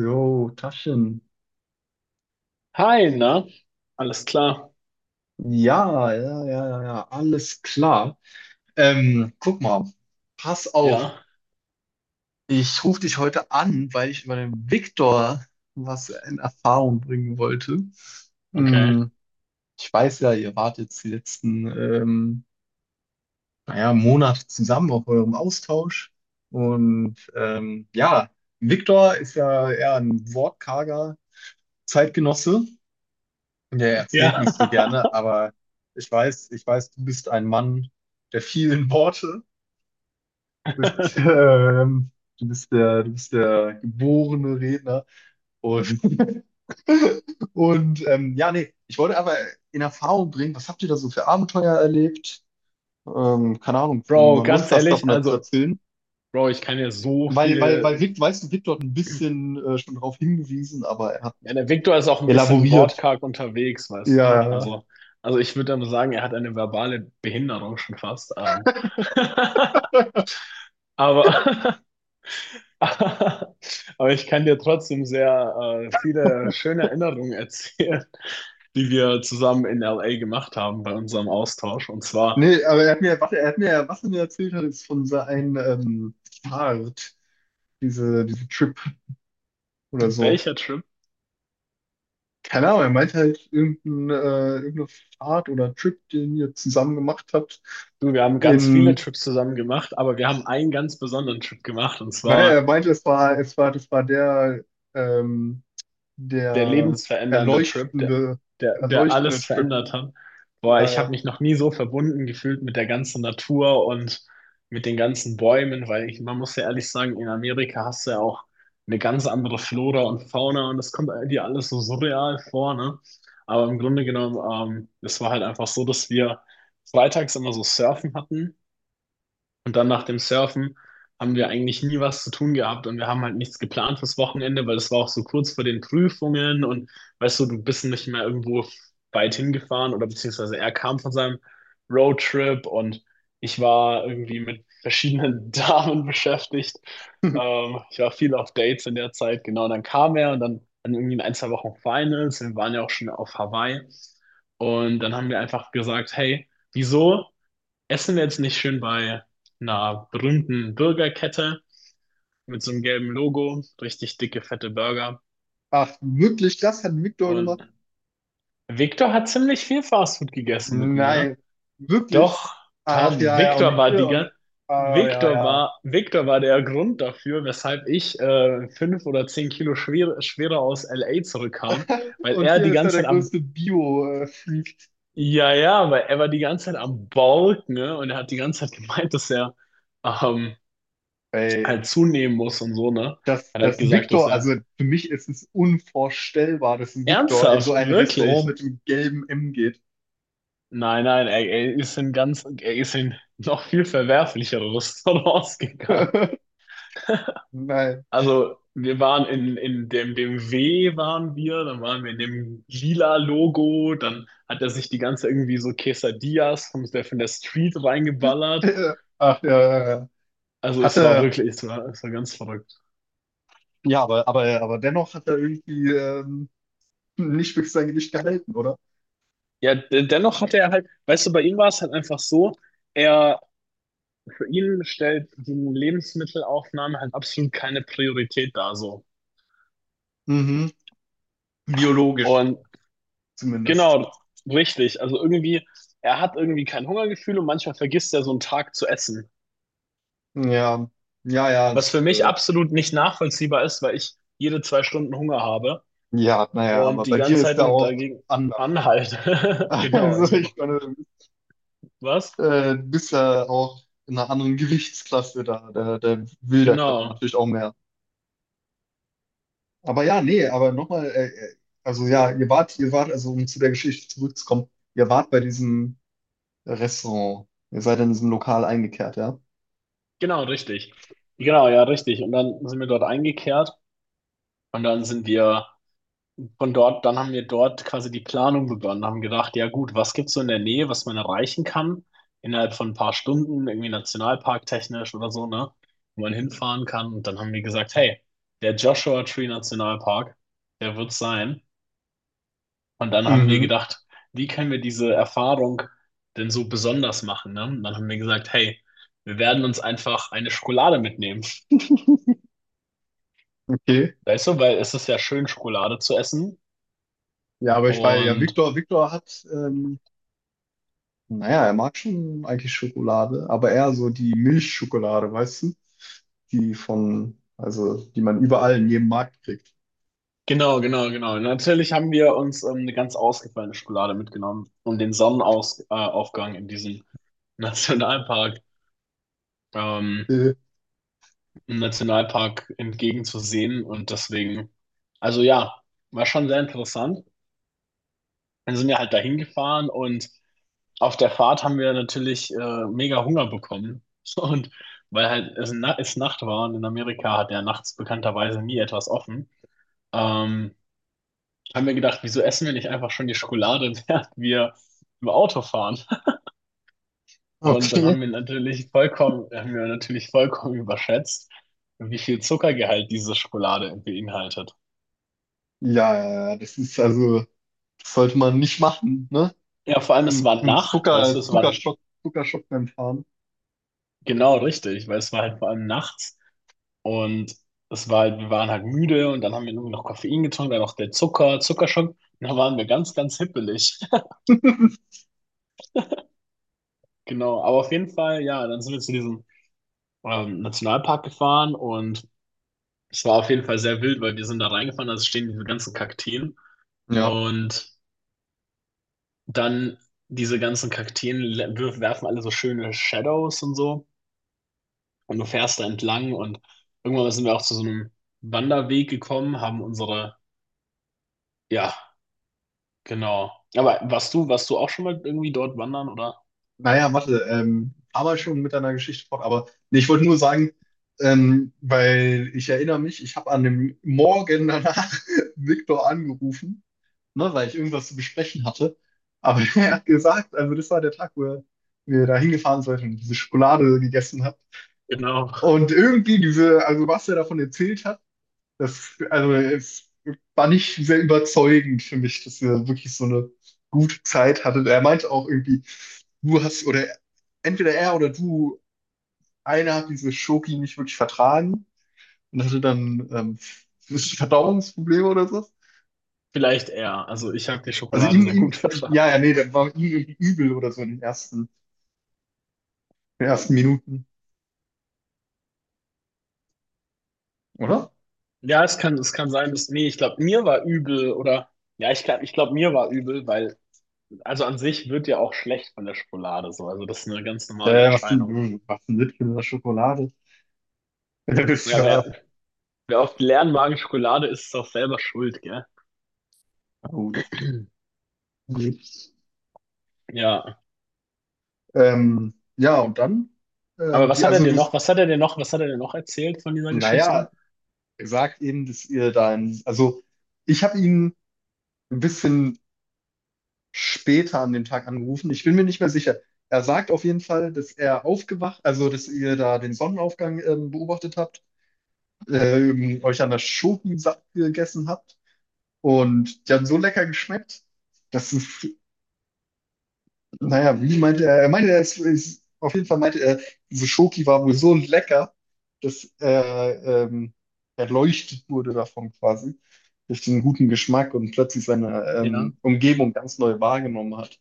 Jo, Taschen. Hi, na? Alles klar? Ja, ja, ja, ja, ja, alles klar. Guck mal, pass auf. Ja, Ich rufe dich heute an, weil ich über den Viktor was in Erfahrung bringen wollte. okay. Hm, ich weiß ja, ihr wart jetzt die letzten, naja, Monate zusammen auf eurem Austausch. Und ja, Viktor ist ja eher ein wortkarger Zeitgenosse. Der erzählt Ja. nicht so gerne, aber ich weiß, du bist ein Mann der vielen Worte. Du bist, du bist du bist der geborene Redner. Und, und ja, nee, ich wollte aber in Erfahrung bringen, was habt ihr da so für Abenteuer erlebt? Keine Ahnung, wenn du Bro, mal ganz Lust hast, ehrlich, davon zu also, erzählen. Bro, ich kann ja so Weil, weil, viele. weil Vic, weißt du, Vic dort ein bisschen schon drauf hingewiesen, aber er hat Ja, nicht der Victor ist auch ein bisschen elaboriert. wortkarg unterwegs, Ja, weißt du? ja, ja. Also ich würde aber sagen, er hat eine verbale Behinderung schon fast. Aber, aber ich kann dir trotzdem sehr viele schöne Erinnerungen erzählen, die wir zusammen in LA gemacht haben bei unserem Austausch. Und zwar, Nee, aber er hat mir, was er mir erzählt hat, ist von seinem Fahrt, diese Trip oder so. welcher Trip? Keine Ahnung, er meinte halt irgendein, irgendeine Fahrt oder Trip, den ihr zusammen gemacht habt. Du, wir haben ganz viele In, Trips zusammen gemacht, aber wir haben einen ganz besonderen Trip gemacht, und naja, zwar er meinte, das war der, ähm, der der lebensverändernde Trip, der, erleuchtende, der, der der erleuchtende alles Trip. verändert hat. Boah, Ja, ich ja. habe mich noch nie so verbunden gefühlt mit der ganzen Natur und mit den ganzen Bäumen, weil ich, man muss ja ehrlich sagen, in Amerika hast du ja auch eine ganz andere Flora und Fauna, und das kommt dir alles so surreal vor, ne? Aber im Grunde genommen, es war halt einfach so, dass wir freitags immer so Surfen hatten. Und dann nach dem Surfen haben wir eigentlich nie was zu tun gehabt, und wir haben halt nichts geplant fürs Wochenende, weil das war auch so kurz vor den Prüfungen, und weißt du, du bist nicht mehr irgendwo weit hingefahren oder beziehungsweise er kam von seinem Roadtrip und ich war irgendwie mit verschiedenen Damen beschäftigt. Ich war viel auf Dates in der Zeit, genau. Und dann kam er und dann irgendwie in ein, zwei Wochen Finals. Wir waren ja auch schon auf Hawaii und dann haben wir einfach gesagt, hey, wieso? Essen wir jetzt nicht schön bei einer berühmten Burgerkette mit so einem gelben Logo, richtig dicke, fette Burger. Ach, wirklich, das hat Victor gemacht? Und Victor hat ziemlich viel Fastfood gegessen mit mir. Nein, wirklich? Doch, Ach ja, ja, Victor und war hier die und, ganze, ah, ja, ja. Victor war der Grund dafür, weshalb ich 5 oder 10 Kilo schwerer aus LA zurückkam, weil Und er hier die ist er ganze der Zeit am, größte Bio-Freak. ja, ja, weil er war die ganze Zeit am Balken, ne? Und er hat die ganze Zeit gemeint, dass er ähm, Ey, halt zunehmen muss und so, ne? dass, Er hat halt dass gesagt, dass Victor, also er für mich ist es unvorstellbar, dass ein Victor in so ernsthaft, ein Restaurant wirklich. mit dem gelben M geht. Nein, nein, er ist in noch viel verwerflicheres rausgegangen. Nein. Also, wir waren in dem W waren wir, dann waren wir in dem lila Logo, dann hat er sich die ganze irgendwie so Quesadillas von der Street reingeballert. Ach ja, ja, ja. Also es war Hatte, wirklich, es war ganz verrückt. ja, aber dennoch hat er irgendwie nicht wirklich sein Gewicht gehalten, oder? Ja, dennoch hatte er halt, weißt du, bei ihm war es halt einfach so, er für ihn stellt die Lebensmittelaufnahme halt absolut keine Priorität dar so. Mhm. Biologisch Und zumindest. genau, richtig. Also irgendwie, er hat irgendwie kein Hungergefühl und manchmal vergisst er so einen Tag zu essen. Ja, ja, ja, Was das, für mich absolut nicht nachvollziehbar ist, weil ich jede 2 Stunden Hunger habe ja, naja, und aber die bei dir ganze ist Zeit er nur auch dagegen anders. anhalte. Genau, Also ich habe. ich meine, Was? Du bist ja auch in einer anderen Gewichtsklasse da. Der will der Körper Genau, natürlich auch mehr. Aber ja, nee, aber nochmal, also ja, ihr wart, also um zu der Geschichte zurückzukommen, ihr wart bei diesem Restaurant. Ihr seid in diesem Lokal eingekehrt, ja? genau, richtig. Genau, ja, richtig. Und dann sind wir dort eingekehrt, und dann sind wir von dort, dann haben wir dort quasi die Planung begonnen, haben gedacht, ja gut, was gibt's so in der Nähe, was man erreichen kann, innerhalb von ein paar Stunden, irgendwie nationalparktechnisch oder so, ne, wo man hinfahren kann. Und dann haben wir gesagt, hey, der Joshua Tree Nationalpark, der wird sein. Und dann haben wir Mhm, gedacht, wie können wir diese Erfahrung denn so besonders machen, ne? Und dann haben wir gesagt, hey, wir werden uns einfach eine Schokolade mitnehmen. okay. Weißt du, weil es ist ja schön, Schokolade zu essen. Ja, aber ich war ja, Und Viktor hat, naja, er mag schon eigentlich Schokolade, aber eher so die Milchschokolade, weißt du? Die von, also, die man überall in jedem Markt kriegt. genau, genau, genau. Natürlich haben wir uns eine ganz ausgefallene Schokolade mitgenommen, um den Sonnenaufgang, Aufgang in diesem Nationalpark, ähm, Äh, im Nationalpark entgegenzusehen. Und deswegen, also ja, war schon sehr interessant. Dann sind wir halt dahin gefahren, und auf der Fahrt haben wir natürlich mega Hunger bekommen. Und weil halt es Nacht war und in Amerika hat ja nachts bekannterweise nie etwas offen. Ähm, haben wir gedacht, wieso essen wir nicht einfach schon die Schokolade, während wir im Auto fahren? Und dann okay. haben wir natürlich vollkommen überschätzt, wie viel Zuckergehalt diese Schokolade beinhaltet. Ja, das ist also, das sollte man nicht machen, ne? Ja, vor allem es Ein war ein Nacht, weißt du, es war Zuckerschock, Zuckerschock beim Fahren. genau richtig, weil es war halt vor allem nachts und wir waren halt müde und dann haben wir irgendwie noch Koffein getrunken, dann noch Zuckerschock, dann waren wir ganz, ganz hippelig. Genau, aber auf jeden Fall, ja, dann sind wir zu diesem Nationalpark gefahren, und es war auf jeden Fall sehr wild, weil wir sind da reingefahren, also stehen diese ganzen Kakteen Ja. und dann diese ganzen Kakteen werfen alle so schöne Shadows und so, und du fährst da entlang und irgendwann sind wir auch zu so einem Wanderweg gekommen, haben unsere, ja, genau. Aber warst du auch schon mal irgendwie dort wandern, oder? Naja, warte, aber schon mit deiner Geschichte fort, aber nee, ich wollte nur sagen, weil ich erinnere mich, ich habe an dem Morgen danach Viktor angerufen, ne, weil ich irgendwas zu besprechen hatte. Aber er hat gesagt, also das war der Tag, wo wir da hingefahren sind und diese Schokolade gegessen hat. Genau, Und irgendwie diese, also was er davon erzählt hat, das, also, es war nicht sehr überzeugend für mich, dass wir wirklich so eine gute Zeit hatten. Er meinte auch irgendwie, du hast, oder entweder er oder du, einer hat diese Schoki nicht wirklich vertragen und hatte dann Verdauungsprobleme oder so. vielleicht eher. Also ich habe die Also Schokolade sehr ihm, gut verstanden. ja, ja, nee, das war ihm irgendwie übel oder so in den ersten Minuten, oder? Ja, es kann sein, dass, nee, ich glaube, mir war übel oder, ja, ich glaube, mir war übel, weil also an sich wird ja auch schlecht von der Schokolade so. Also das ist eine ganz normale Was denn, Erscheinung. du machst ein Littchen in der Schokolade? Das ist Ja, ja, wer oft leeren Magen Schokolade isst, ist auch selber schuld, gell? na gut. Okay. Ja. Ja, und dann, Aber wie, also du, was hat er dir noch erzählt von dieser naja, Geschichte? er sagt eben, dass ihr da in, also ich habe ihn ein bisschen später an dem Tag angerufen. Ich bin mir nicht mehr sicher. Er sagt auf jeden Fall, dass er aufgewacht, also dass ihr da den Sonnenaufgang beobachtet habt, euch an der Schoki satt gegessen habt und die haben so lecker geschmeckt, dass es naja, wie meinte er? Er meinte, auf jeden Fall meinte er, diese Schoki war wohl so lecker, dass er erleuchtet wurde davon quasi, durch den guten Geschmack und plötzlich seine Ja. Umgebung ganz neu wahrgenommen hat.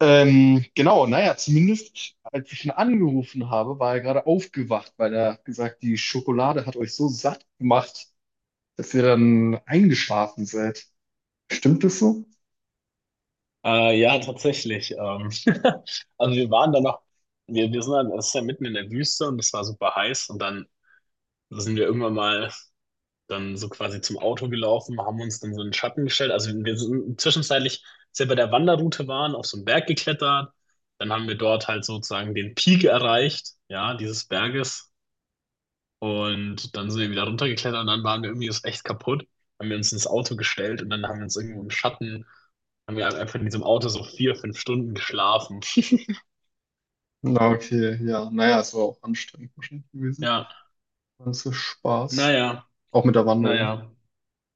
Genau, naja, zumindest als ich ihn angerufen habe, war er gerade aufgewacht, weil er hat gesagt, die Schokolade hat euch so satt gemacht, dass ihr dann eingeschlafen seid. Stimmt das so? Ja, tatsächlich. Also wir waren da noch, wir sind dann, es ist ja mitten in der Wüste und es war super heiß und dann sind wir irgendwann mal dann so quasi zum Auto gelaufen, haben uns dann so in den Schatten gestellt. Also wir sind zwischenzeitlich, als wir bei der Wanderroute waren, auf so einen Berg geklettert. Dann haben wir dort halt sozusagen den Peak erreicht, ja, dieses Berges. Und dann sind wir wieder runtergeklettert und dann waren wir irgendwie jetzt echt kaputt. Haben wir uns ins Auto gestellt und dann haben wir uns irgendwo im Schatten, haben wir einfach in diesem Auto so 4, 5 Stunden geschlafen. Na, okay, ja, naja, es war auch anstrengend wahrscheinlich gewesen. Ja, Das ist Spaß. naja, Auch mit der Wanderung. naja.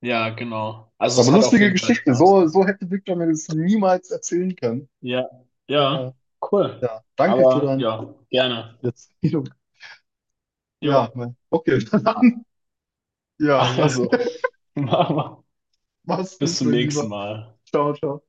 Ja, genau. Also es Aber hat auf lustige jeden Fall Geschichte. Spaß So, gemacht. so hätte Victor mir das niemals erzählen können. Ja, ja, Ja, cool. ja. Danke für Aber deine ja, gerne. Erzählung. Jo, Ja, mein- okay, dann. Ja, also, machen wir. mach's gut, Bis zum mein nächsten Lieber. Mal. Ciao, ciao.